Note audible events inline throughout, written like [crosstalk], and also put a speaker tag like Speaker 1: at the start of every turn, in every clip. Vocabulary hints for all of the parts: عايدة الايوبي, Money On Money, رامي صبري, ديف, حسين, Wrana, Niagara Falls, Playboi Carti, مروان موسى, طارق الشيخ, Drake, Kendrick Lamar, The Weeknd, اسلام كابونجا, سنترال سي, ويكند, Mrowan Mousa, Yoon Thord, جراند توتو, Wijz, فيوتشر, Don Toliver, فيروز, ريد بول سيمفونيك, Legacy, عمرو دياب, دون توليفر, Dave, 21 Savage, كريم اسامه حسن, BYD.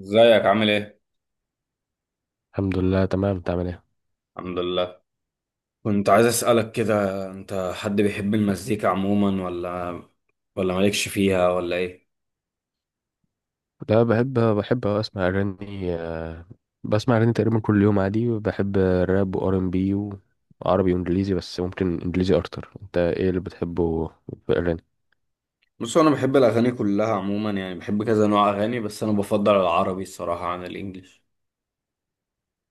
Speaker 1: ازيك عامل ايه؟
Speaker 2: الحمد لله تمام. تعمل ايه؟
Speaker 1: الحمد لله. كنت عايز اسألك كده، انت حد بيحب المزيكا عموما ولا مالكش فيها ولا ايه؟
Speaker 2: لا بحب. بحب اسمع اغاني، بسمع اغاني تقريبا كل يوم عادي. بحب راب وار ام بي، وعربي وانجليزي، بس ممكن انجليزي اكتر. انت ايه اللي بتحبه في الاغاني؟
Speaker 1: بص انا بحب الاغاني كلها عموما، يعني بحب كذا نوع اغاني، بس انا بفضل العربي الصراحة عن الانجليش.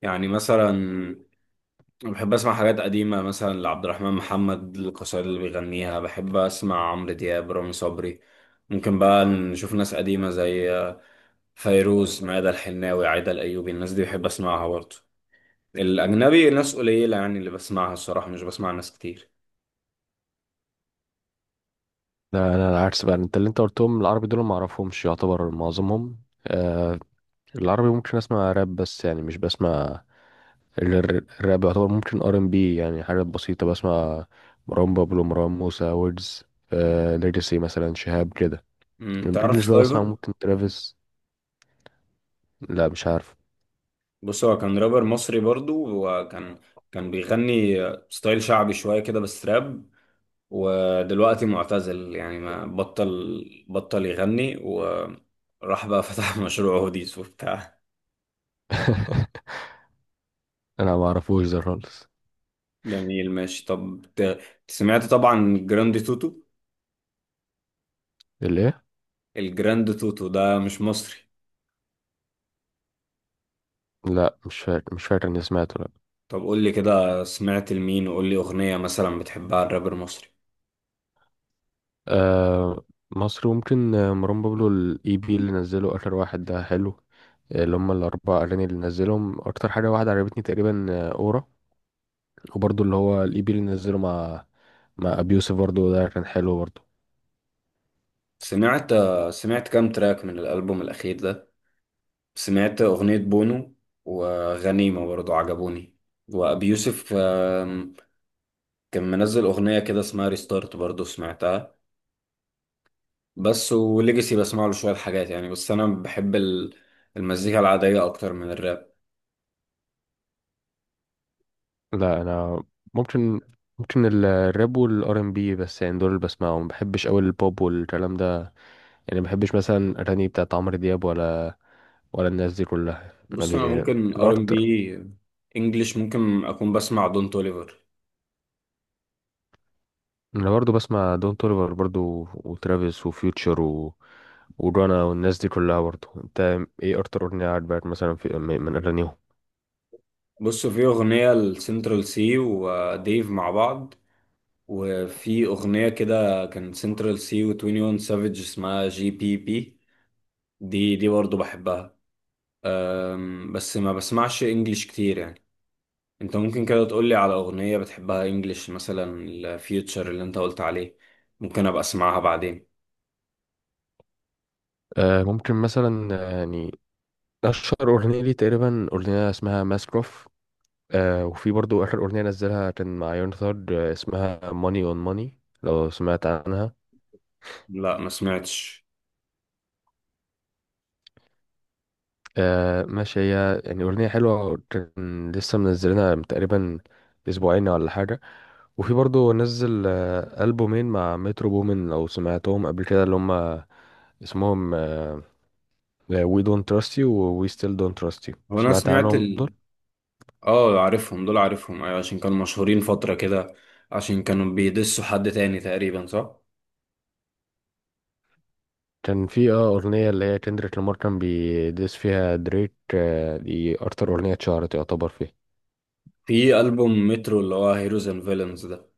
Speaker 1: يعني مثلا أنا بحب اسمع حاجات قديمة، مثلا لعبد الرحمن محمد القصائد اللي بيغنيها، بحب اسمع عمرو دياب، رامي صبري. ممكن بقى نشوف ناس قديمة زي فيروز، ميادة الحناوي، عايدة الايوبي، الناس دي بحب اسمعها برضه. الأجنبي ناس قليلة يعني اللي بسمعها الصراحة، مش بسمع ناس كتير.
Speaker 2: لا انا العكس بقى. انت اللي انت قلتهم العربي دول ما اعرفهمش يعتبر معظمهم. العربي ممكن اسمع راب، بس يعني مش بسمع الراب يعتبر. ممكن ار ام بي، يعني حاجات بسيطة بسمع، مروان بابلو، مروان موسى، ويجز، ليجاسي مثلا، شهاب كده.
Speaker 1: تعرف
Speaker 2: الانجليش بقى بسمع
Speaker 1: سلايفر؟
Speaker 2: ممكن ترافيس. لا مش عارف.
Speaker 1: بص هو كان رابر مصري برضو، وكان بيغني ستايل شعبي شوية كده بس راب، ودلوقتي معتزل، يعني ما بطل بطل يغني وراح بقى فتح [laughs] مشروع هوديز وبتاع.
Speaker 2: [laughs] انا ما اعرفوش ده خالص.
Speaker 1: جميل ماشي. سمعت طبعا جراند توتو؟
Speaker 2: الايه؟
Speaker 1: الجراند توتو ده مش مصري.
Speaker 2: لا مش فاكر. مش فاكر اني سمعته، لا.
Speaker 1: طب قول لي كده سمعت لمين، وقول لي أغنية مثلا بتحبها الرابر المصري.
Speaker 2: آه مصر ممكن، مروان بابلو. الاي بي اللي نزله اخر واحد ده حلو، اللي هم الاربع اغاني اللي نزلهم. اكتر حاجه واحده عجبتني تقريبا، اورا. وبرضه اللي هو الاي بي اللي نزله مع مع ابي يوسف، برضه ده كان حلو برضه.
Speaker 1: سمعت سمعت كام تراك من الألبوم الأخير ده؟ سمعت أغنية بونو وغنيمة برضو، عجبوني. وأبي يوسف كان منزل أغنية كده اسمها ريستارت برضو، سمعتها؟ بس وليجاسي بسمع له شوية حاجات يعني، بس أنا بحب المزيكا العادية أكتر من الراب.
Speaker 2: لا انا ممكن، ممكن الراب والار ام بي، بس يعني دول اللي بسمعهم. ما بحبش قوي البوب والكلام ده. يعني ما بحبش مثلا اغاني بتاعت عمرو دياب، ولا الناس دي كلها.
Speaker 1: بص أنا
Speaker 2: يعني
Speaker 1: ممكن ار ام
Speaker 2: الاكتر.
Speaker 1: بي. انجلش ممكن أكون بسمع دون توليفر.
Speaker 2: انا برضو بسمع دون توليفر برضو، وترافيس، وفيوتشر، ورانا، والناس دي كلها برضو. انت ايه اكتر اغنيه عجبك مثلا في من اغانيهم؟
Speaker 1: بص في أغنية لسنترال سي وديف مع بعض، وفي أغنية كده كان سنترال سي و21 سافيج اسمها جي بي بي، دي برضه بحبها. بس ما بسمعش انجليش كتير يعني. انت ممكن كده تقولي على أغنية بتحبها انجليش، مثلا الفيوتشر اللي انت قلت عليه، ممكن أبقى أسمعها بعدين.
Speaker 2: آه ممكن مثلا، اشهر اغنيه لي تقريبا اغنيه اسمها ماسكروف. آه، وفي برضو اخر اغنيه نزلها كان مع يون ثورد، اسمها ماني اون ماني، لو سمعت عنها.
Speaker 1: لا ما سمعتش.
Speaker 2: آه ماشي، هي يعني أغنية حلوة. كان لسه منزلينها من تقريبا أسبوعين ولا حاجة. وفي برضو نزل ألبومين مع مترو بومن، لو سمعتهم قبل كده، اللي هما اسمهم We Don't Trust You و We Still Don't Trust You.
Speaker 1: هو أنا
Speaker 2: سمعت
Speaker 1: سمعت
Speaker 2: عنهم
Speaker 1: ال...
Speaker 2: دول؟
Speaker 1: اه عارفهم دول، عارفهم أيوة، عشان كانوا مشهورين فترة كده، عشان كانوا بيدسوا حد تاني تقريبا صح؟
Speaker 2: كان في أغنية اللي هي كندريك لامار كان بيدس فيها دريك، آه دي أكتر أغنية اتشهرت يعتبر فيه.
Speaker 1: في ألبوم مترو اللي هو هيروز اند فيلنز ده.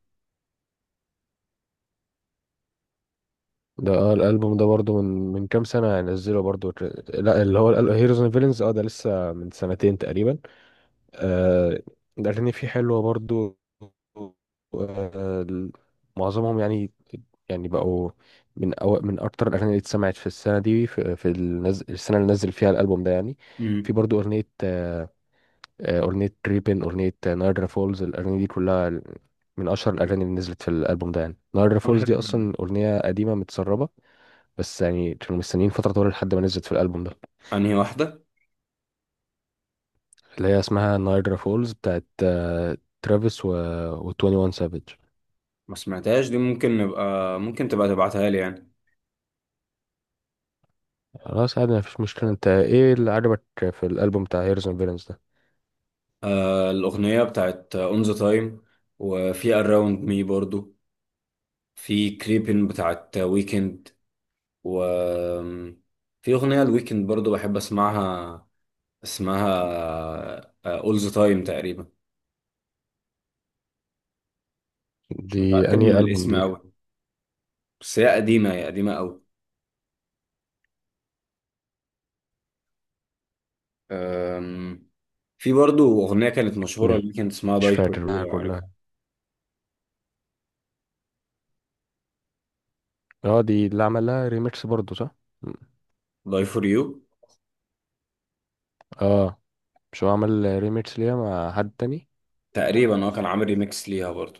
Speaker 2: ده الألبوم ده برضو من كام سنة نزله برضو. لا اللي هو هيروز اند فيلنز، اه ده لسه من سنتين تقريبا. آه، الأغاني فيه حلوة برضو، آه، معظمهم يعني. يعني بقوا من من أكتر الأغاني اللي اتسمعت في السنة دي، السنة اللي نزل فيها الألبوم ده يعني. في
Speaker 1: مم.
Speaker 2: برضو أغنية، أغنية ريبن، أغنية نايجرا فولز. الأغاني دي كلها من أشهر الأغاني اللي نزلت في الألبوم ده يعني. نايجرا
Speaker 1: أنا
Speaker 2: فولز دي
Speaker 1: بحب،
Speaker 2: أصلا أغنية قديمة متسربة، بس يعني كانوا مستنيين فترة طويلة لحد ما نزلت في الألبوم ده.
Speaker 1: انهي واحدة؟
Speaker 2: اللي هي اسمها نايجرا فولز، بتاعت ترافيس و 21 سافيج.
Speaker 1: ما سمعتهاش دي، ممكن تبقى تبعتها لي يعني.
Speaker 2: خلاص عادي مفيش مشكلة. انت ايه اللي عجبك في الألبوم بتاع هيرز اند فيلنز ده؟
Speaker 1: آه الأغنية بتاعت اون ذا تايم، وفي اراوند مي برضو، في كريبين بتاعت ويكند، و في أغنية الويكند برضو بحب اسمعها، اسمها اول ذا تايم تقريبا، مش
Speaker 2: دي
Speaker 1: متأكد
Speaker 2: انهي
Speaker 1: من
Speaker 2: ألبوم
Speaker 1: الاسم
Speaker 2: دي؟
Speaker 1: أوي. بس هي قديمة أوي. آم، في برضو أغنية كانت مشهورة
Speaker 2: م-
Speaker 1: الويكند اسمها
Speaker 2: مش
Speaker 1: داي فور
Speaker 2: فاكر
Speaker 1: يو،
Speaker 2: بقى
Speaker 1: لو
Speaker 2: كلها.
Speaker 1: عارفها.
Speaker 2: اه دي اللي عملها ريميكس برضه صح؟ م.
Speaker 1: داي فور يو،
Speaker 2: اه مش هو عمل ريميكس ليها مع حد تاني.
Speaker 1: تقريبا هو كان عامل ريميكس ليها برضو.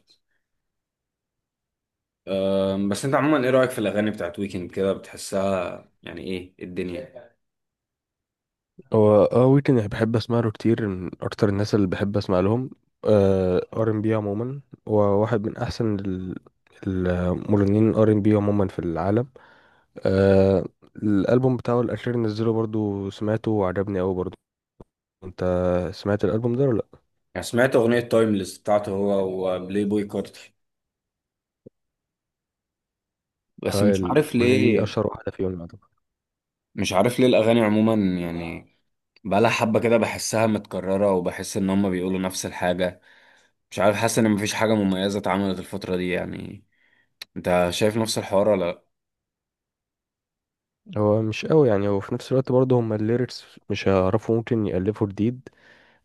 Speaker 1: بس انت عموما ايه رأيك في الاغاني بتاعت ويكند كده، بتحسها يعني ايه، إيه الدنيا؟
Speaker 2: هو اه ويكند أنا بحب اسمع له كتير، من اكتر الناس اللي بحب اسمع لهم ار ام بي عموما. هو واحد من احسن المغنيين الار ام بي عموما في العالم. آه الالبوم بتاعه الاخير نزله برضو، سمعته وعجبني قوي برضو. انت سمعت الالبوم ده ولا لا؟
Speaker 1: يعني سمعت اغنية تايمليس بتاعته هو وبلاي بوي كارتي، بس
Speaker 2: اه
Speaker 1: مش عارف
Speaker 2: الاغنيه دي
Speaker 1: ليه،
Speaker 2: اشهر واحده فيهم يعتبر.
Speaker 1: مش عارف ليه الاغاني عموما يعني بقالها حبة كده بحسها متكررة، وبحس ان هما بيقولوا نفس الحاجة. مش عارف، حاسس ان مفيش حاجة مميزة اتعملت الفترة دي يعني، انت شايف نفس الحوار ولا لأ؟
Speaker 2: هو مش قوي يعني، هو في نفس الوقت برضه هم الليركس مش هيعرفوا ممكن يالفوا جديد.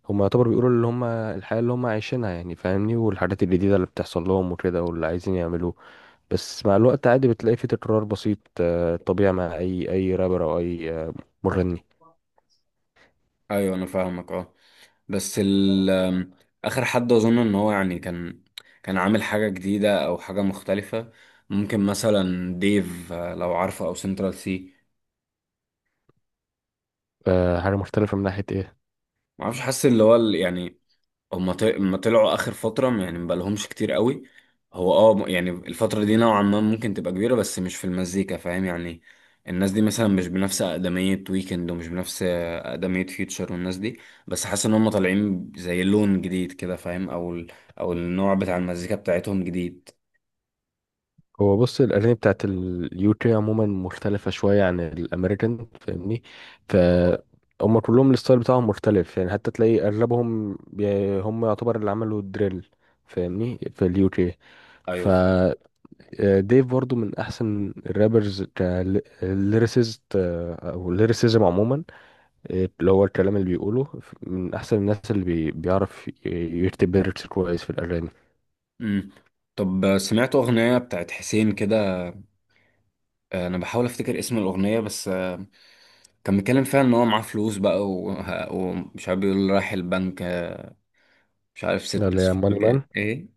Speaker 2: هم يعتبر بيقولوا اللي هم الحياه اللي هم عايشينها، يعني فاهمني، والحاجات الجديده اللي بتحصل لهم وكده، واللي عايزين يعملوه. بس مع الوقت عادي بتلاقي في تكرار بسيط، آه، طبيعي مع اي رابر او اي، مغني.
Speaker 1: ايوه انا فاهمك اه. بس ال آم، اخر حد اظن ان هو يعني كان عامل حاجه جديده او حاجه مختلفه، ممكن مثلا ديف، لو عارفه، او سنترال سي.
Speaker 2: آه، حاجه مختلفه من ناحيه ايه؟
Speaker 1: ما اعرفش، حاسس اللي هو هما طلعوا اخر فتره، يعني مبقالهمش كتير قوي. هو اه، يعني الفتره دي نوعا ما ممكن تبقى كبيره، بس مش في المزيكا فاهم يعني. الناس دي مثلا مش بنفس اقدميه ويكند، ومش بنفس اقدميه فيوتشر والناس دي، بس حاسس ان هما طالعين زي لون جديد كده فاهم، او النوع بتاع المزيكا بتاعتهم جديد.
Speaker 2: هو بص الأغاني بتاعت اليوكي عموما مختلفة شوية عن الأمريكان، فاهمني؟ ف هما كلهم الستايل بتاعهم مختلف، يعني حتى تلاقي أغلبهم هم يعتبر اللي عملوا الدريل فاهمني في اليوكي. ف
Speaker 1: ايوه فاهم.
Speaker 2: آه، ديف برضو من أحسن الرابرز كليريسيست أو ليريسيزم عموما، آه، اللي هو الكلام اللي بيقوله. من أحسن الناس اللي بيعرف يكتب ليركس كويس في الأغاني.
Speaker 1: امم، طب سمعت اغنيه بتاعت حسين كده، انا بحاول افتكر اسم الاغنيه بس، كان بيتكلم فيها ان هو معاه فلوس بقى ومش عارف، بيقول رايح البنك، مش عارف
Speaker 2: لا،
Speaker 1: ست
Speaker 2: اللي هي
Speaker 1: اصفار
Speaker 2: ماني مان.
Speaker 1: جاي ايه.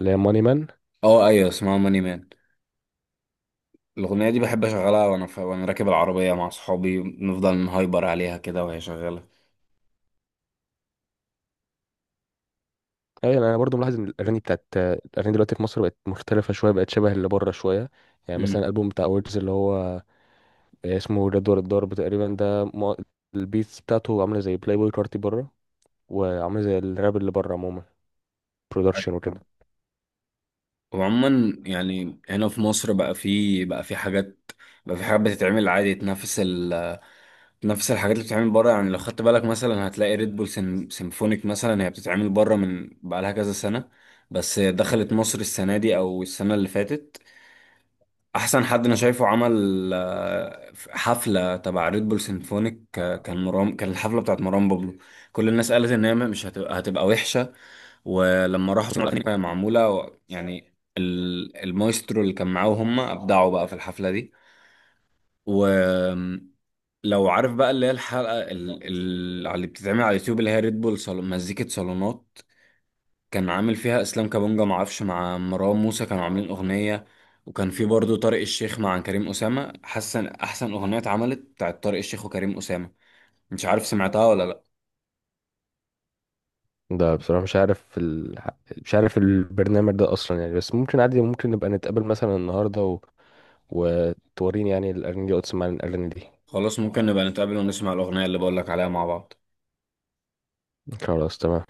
Speaker 2: اللي هي ماني مان.
Speaker 1: اه ايوه اسمها ماني مان. الاغنيه دي بحب اشغلها وانا راكب العربيه مع صحابي، نفضل نهايبر عليها كده وهي شغاله.
Speaker 2: ايوه يعني انا برضو ملاحظ ان الاغاني دلوقتي في مصر بقت مختلفه شويه، بقت شبه اللي بره شويه. يعني مثلا
Speaker 1: امم،
Speaker 2: الالبوم بتاع ويجز اللي هو، اسمه جدول الضرب تقريبا، ده البيتس بتاعته عامله زي بلاي بوي كارتي بره، وعامله زي الراب اللي بره عموما، برودكشن
Speaker 1: ايوه.
Speaker 2: وكده.
Speaker 1: وعموما يعني هنا في مصر بقى في حاجات بقى في حاجات بتتعمل عادي تنافس تنافس الحاجات اللي بتتعمل بره. يعني لو خدت بالك مثلا هتلاقي ريد بول سيمفونيك، مثلا هي بتتعمل بره من بقى لها كذا سنه، بس دخلت مصر السنه دي او السنه اللي فاتت. احسن حد انا شايفه عمل حفله تبع ريد بول سيمفونيك، كان مرام، كان الحفله بتاعت مروان بابلو. كل الناس قالت ان هي مش هتبقى وحشه، ولما راحوا سمعوا الاغاني وهي معموله يعني المايسترو اللي كان معاهم هم ابدعوا بقى في الحفله دي. ولو عارف بقى اللي هي الحلقه اللي بتتعمل على اليوتيوب، اللي هي ريد بول صالون مزيكه صالونات، كان عامل فيها اسلام كابونجا معرفش مع مروان موسى، كانوا عاملين اغنيه. وكان في برضه طارق الشيخ مع كريم اسامه، حسن احسن اغنيه اتعملت بتاعت طارق الشيخ وكريم اسامه، مش عارف سمعتها ولا لا.
Speaker 2: ده بصراحه مش عارف مش عارف البرنامج ده اصلا يعني. بس ممكن عادي، ممكن نبقى نتقابل مثلا النهارده وتوريني يعني الاغاني دي وتسمعني الاغاني دي.
Speaker 1: خلاص ممكن نبقى نتقابل ونسمع الاغنيه اللي بقولك عليها مع بعض.
Speaker 2: خلاص تمام.